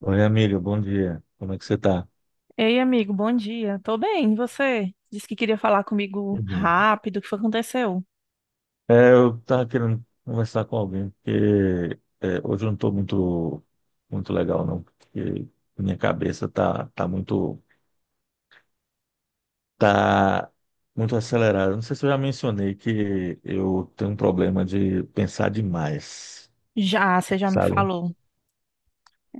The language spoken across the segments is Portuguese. Oi, amigo, bom dia. Como é que você está? Ei, amigo, bom dia. Tô bem, e você? Disse que queria falar comigo Tudo bom. rápido, o que foi que aconteceu? É, eu estava querendo conversar com alguém, porque hoje eu não estou muito, muito legal, não, porque minha cabeça tá tá muito acelerada. Não sei se eu já mencionei que eu tenho um problema de pensar demais, Já, você já me sabe? falou.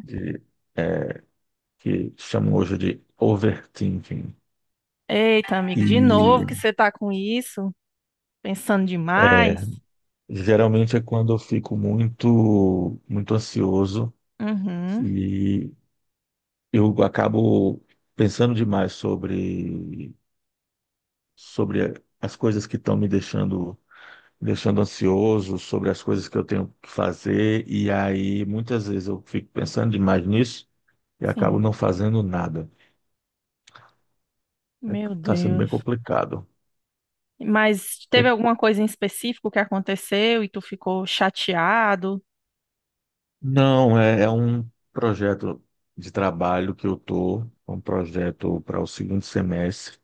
De, é, que chamam hoje de overthinking. Eita, amigo, de novo que E você tá com isso? Pensando é, demais? Geralmente é quando eu fico muito, muito ansioso. Uhum, E eu acabo pensando demais sobre as coisas que estão me deixando ansioso, sobre as coisas que eu tenho que fazer, e aí muitas vezes eu fico pensando demais nisso e acabo sim. não fazendo nada. Meu Está sendo bem Deus. complicado. Mas É- teve alguma coisa em específico que aconteceu e tu ficou chateado? Não, é um projeto de trabalho é um projeto para o segundo semestre,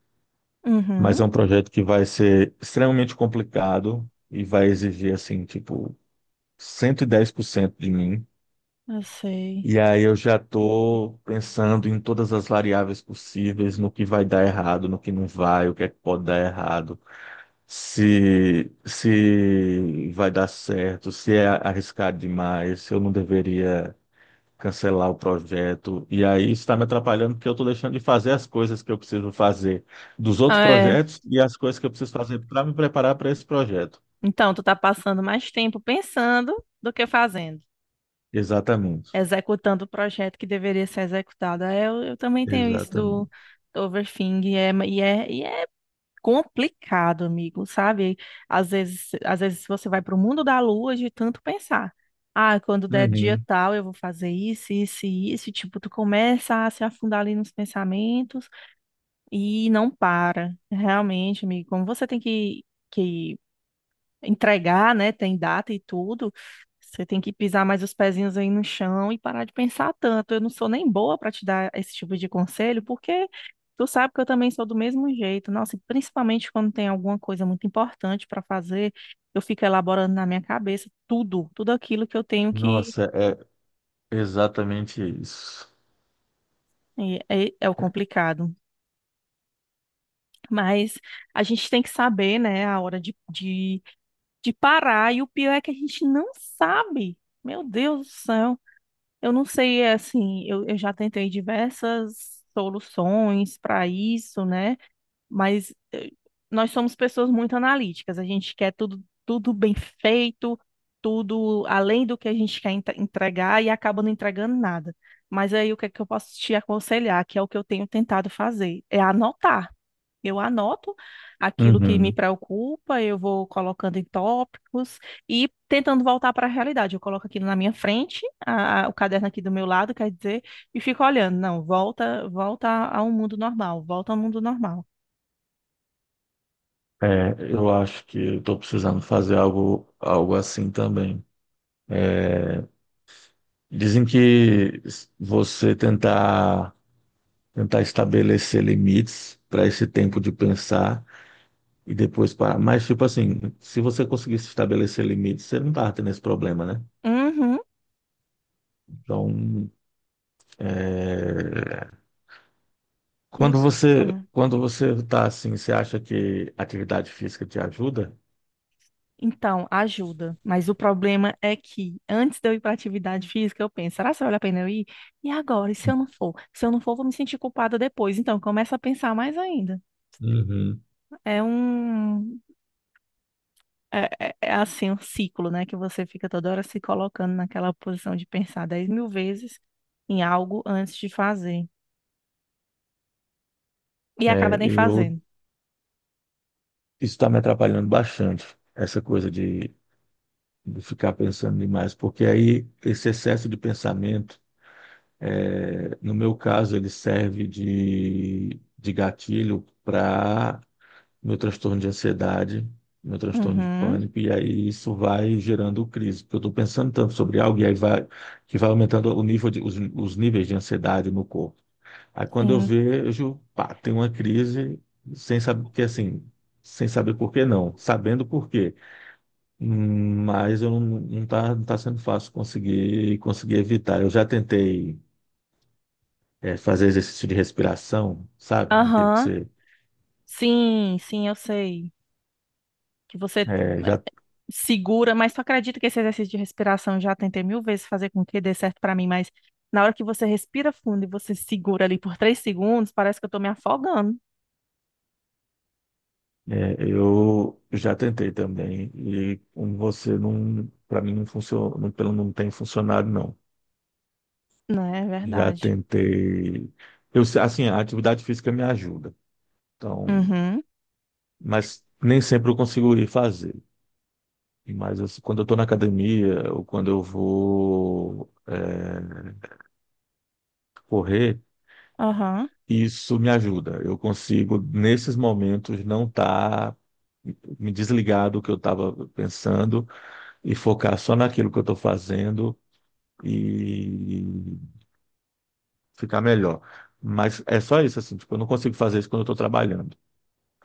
Uhum, mas é um projeto que vai ser extremamente complicado e vai exigir assim, tipo, 110% de mim. eu sei. E aí eu já estou pensando em todas as variáveis possíveis, no que vai dar errado, no que não vai, o que é que pode dar errado, se vai dar certo, se é arriscado demais, se eu não deveria cancelar o projeto. E aí isso está me atrapalhando porque eu estou deixando de fazer as coisas que eu preciso fazer dos outros É, projetos e as coisas que eu preciso fazer para me preparar para esse projeto. então, tu tá passando mais tempo pensando do que fazendo. Exatamente. Executando o projeto que deveria ser executado. É, eu também tenho isso do, Exatamente. do overthinking e é complicado, amigo, sabe? Às vezes você vai para o mundo da lua de tanto pensar. Ah, quando der dia Uhum. tal, eu vou fazer isso, isso e isso. E tipo, tu começa a se afundar ali nos pensamentos e não para. Realmente, amigo, como você tem que entregar, né? Tem data e tudo. Você tem que pisar mais os pezinhos aí no chão e parar de pensar tanto. Eu não sou nem boa para te dar esse tipo de conselho, porque tu sabe que eu também sou do mesmo jeito. Nossa, e principalmente quando tem alguma coisa muito importante para fazer, eu fico elaborando na minha cabeça tudo, tudo aquilo que eu tenho que. Nossa, exatamente isso. É o complicado. Mas a gente tem que saber, né, a hora de parar. E o pior é que a gente não sabe. Meu Deus do céu. Eu não sei, é assim, eu já tentei diversas soluções para isso, né? Mas nós somos pessoas muito analíticas, a gente quer tudo, tudo bem feito, tudo além do que a gente quer entregar e acaba não entregando nada. Mas aí o que é que eu posso te aconselhar, que é o que eu tenho tentado fazer, é anotar. Eu anoto aquilo que me Uhum. preocupa, eu vou colocando em tópicos e tentando voltar para a realidade. Eu coloco aquilo na minha frente, o caderno aqui do meu lado, quer dizer, e fico olhando. Não, volta, volta ao mundo normal, volta ao mundo normal. É, eu acho que eu estou precisando fazer algo assim também. Dizem que você tentar, tentar estabelecer limites para esse tempo de pensar e depois parar. Mas, tipo assim, se você conseguisse estabelecer limites, você não tá tendo esse problema, né? Uhum. Então, é, E eu- quando você, uhum. quando você tá assim, você acha que atividade física te ajuda? Então, ajuda. Mas o problema é que antes de eu ir para atividade física, eu penso, será que vale a pena eu ir? E agora? E se eu não for? Se eu não for, vou me sentir culpada depois. Então, começa a pensar mais ainda. Uhum. É um, é assim um ciclo, né? Que você fica toda hora se colocando naquela posição de pensar 10 mil vezes em algo antes de fazer. E acaba É, nem eu fazendo. Isso está me atrapalhando bastante, essa coisa de ficar pensando demais, porque aí esse excesso de pensamento, é, no meu caso, ele serve de gatilho para meu transtorno de ansiedade, meu transtorno de Uhum, pânico, e aí isso vai gerando crise, porque eu estou pensando tanto sobre algo que vai aumentando o os níveis de ansiedade no corpo. Aí quando eu sim. vejo, pá, tem uma crise, sem saber, porque assim, sem saber por que não, sabendo por quê, mas eu não tá sendo fácil conseguir evitar. Eu já tentei, fazer exercício de respiração, sabe? Aquele que Aham. você Sim, sim, eu sei. Que você eh, é, já segura, mas tu acredita que esse exercício de respiração eu já tentei mil vezes fazer com que dê certo pra mim, mas na hora que você respira fundo e você segura ali por três segundos, parece que eu tô me afogando. Eu já tentei também e como você não, para mim não funcionou, não, pelo não tem funcionado, não. Não é Já verdade. tentei, eu se- assim a atividade física me ajuda, então, Uhum, mas nem sempre eu consigo ir fazer. Mas assim, quando eu estou na academia ou quando eu vou, correr. aham. Isso me ajuda. Eu consigo, nesses momentos, não estar me desligar do que eu estava pensando e focar só naquilo que eu estou fazendo e ficar melhor. Mas é só isso, assim, tipo, eu não consigo fazer isso quando eu estou trabalhando.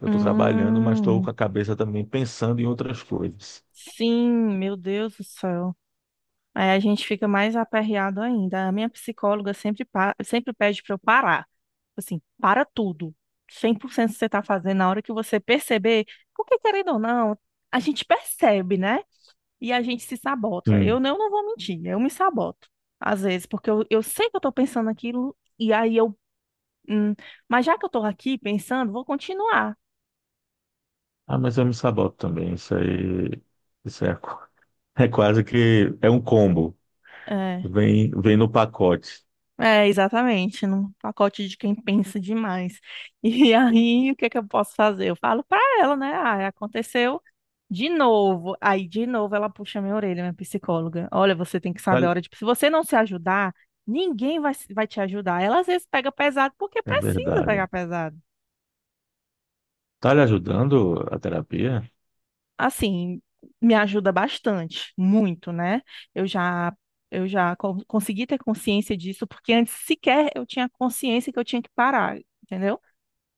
Eu estou trabalhando, mas estou Hum, com a cabeça também pensando em outras coisas. sim, meu Deus do céu. Aí a gente fica mais aperreado ainda. A minha psicóloga sempre, sempre pede para eu parar. Tipo assim, para tudo. Cem por cento você está fazendo, na hora que você perceber, porque querendo ou não, a gente percebe, né? E a gente se sabota. Eu Sim. não, não vou mentir, eu me saboto. Às vezes, porque eu sei que eu estou pensando aquilo, e aí eu. Hum, mas já que eu estou aqui pensando, vou continuar. Ah, mas eu me saboto também. Isso aí, isso é, qu- é quase que é um combo. É, Vem no pacote. é, exatamente, num pacote de quem pensa demais. E aí, o que é que eu posso fazer? Eu falo pra ela, né? Ah, aconteceu de novo. Aí, de novo, ela puxa minha orelha, minha psicóloga. Olha, você tem que saber a Vale- hora de. Se você não se ajudar, ninguém vai, vai te ajudar. Ela às vezes pega pesado porque É precisa verdade. pegar pesado. Tá lhe ajudando a terapia? Assim, me ajuda bastante, muito, né? Eu já. Eu já consegui ter consciência disso, porque antes sequer eu tinha consciência que eu tinha que parar, entendeu?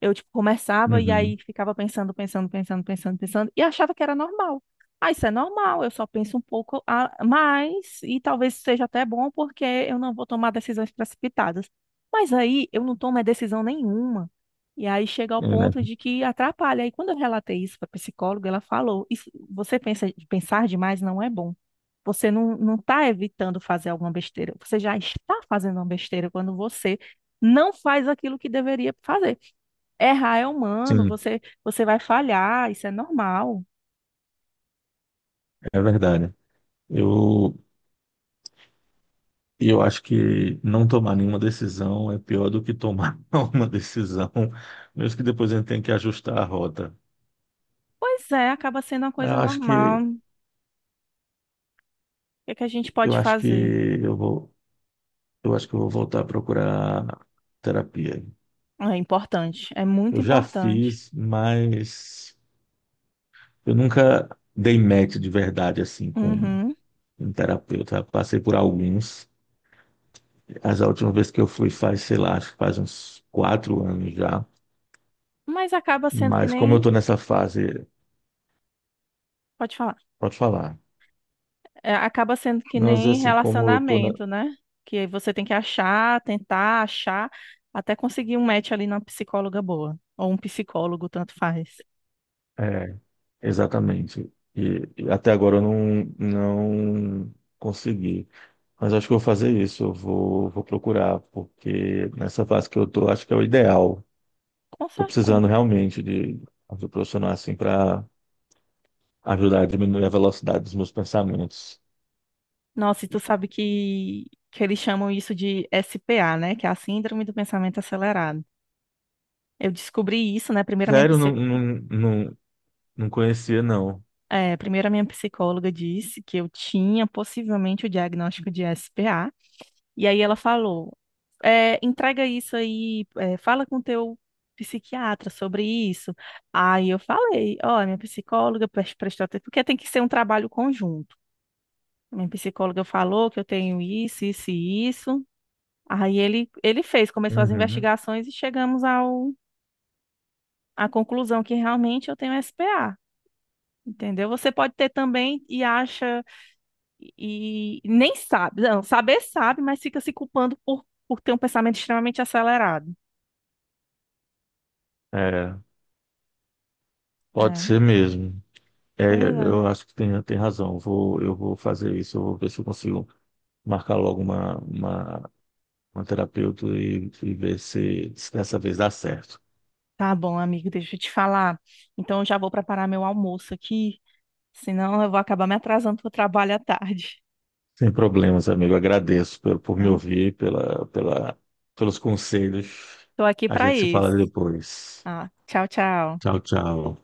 Eu, tipo, começava e Uhum. aí ficava pensando, pensando, pensando, pensando, pensando, e achava que era normal. Ah, isso é normal, eu só penso um pouco a mais, e talvez seja até bom porque eu não vou tomar decisões precipitadas. Mas aí eu não tomo é, decisão nenhuma. E aí chega ao É, né? ponto de que atrapalha. E quando eu relatei isso para a psicóloga, ela falou: isso, você pensa, pensar demais não é bom. Você não, não está evitando fazer alguma besteira. Você já está fazendo uma besteira quando você não faz aquilo que deveria fazer. Errar é humano, Sim, você, você vai falhar, isso é normal. é verdade. Eu, eu acho que não tomar nenhuma decisão é pior do que tomar uma decisão, mesmo que depois a gente tenha que ajustar a rota. Pois é, acaba sendo uma Eu coisa acho que normal. O que é que a gente eu pode acho que fazer? eu vou eu vou voltar a procurar terapia. É importante, é Eu muito já importante. fiz, mas eu nunca dei match de verdade assim com Uhum. um terapeuta. Passei por alguns. As últimas vezes que eu fui faz, sei lá, acho que faz uns 4 anos já. Mas acaba sendo que Mas como eu tô nem. nessa fase, Pode falar. pode falar. É, acaba sendo que Não, às vezes nem assim, como eu tô na... relacionamento, né? Que você tem que achar, tentar achar, até conseguir um match ali na psicóloga boa. Ou um psicólogo, tanto faz. É, exatamente. E até agora eu não consegui. Mas acho que eu vou fazer isso, eu vou, vou procurar, porque nessa fase que eu tô, acho que é o ideal. Com Tô certeza. precisando realmente de ajuda profissional assim para ajudar a diminuir a velocidade dos meus pensamentos. Nossa, e tu sabe que eles chamam isso de SPA, né? Que é a Síndrome do Pensamento Acelerado. Eu descobri isso, né? Primeiro a minha, Sério, não, não, não, não conhecia, não. Primeiro a minha psicóloga disse que eu tinha possivelmente o diagnóstico de SPA. E aí ela falou: entrega isso aí, fala com teu psiquiatra sobre isso. Aí eu falei: ó, minha psicóloga prestou atenção, porque tem que ser um trabalho conjunto. Minha psicóloga falou que eu tenho isso, isso e isso. Aí ele fez, começou as Uhum. investigações e chegamos ao, à conclusão que realmente eu tenho SPA. Entendeu? Você pode ter também e acha e nem sabe. Não, saber sabe, mas fica se culpando por ter um pensamento extremamente acelerado. É, pode É, ser mesmo. É, pois é. eu acho que tem razão. Eu vou, eu vou fazer isso, eu vou ver se eu consigo marcar logo uma terapeuta e ver se dessa vez dá certo. Tá bom, amigo, deixa eu te falar. Então eu já vou preparar meu almoço aqui, senão eu vou acabar me atrasando para o trabalho à tarde. Sem problemas, amigo. Agradeço por me Tá? ouvir, pelos conselhos. Tô aqui A para gente se fala isso. depois. Ah, tchau, tchau. Tchau, tchau.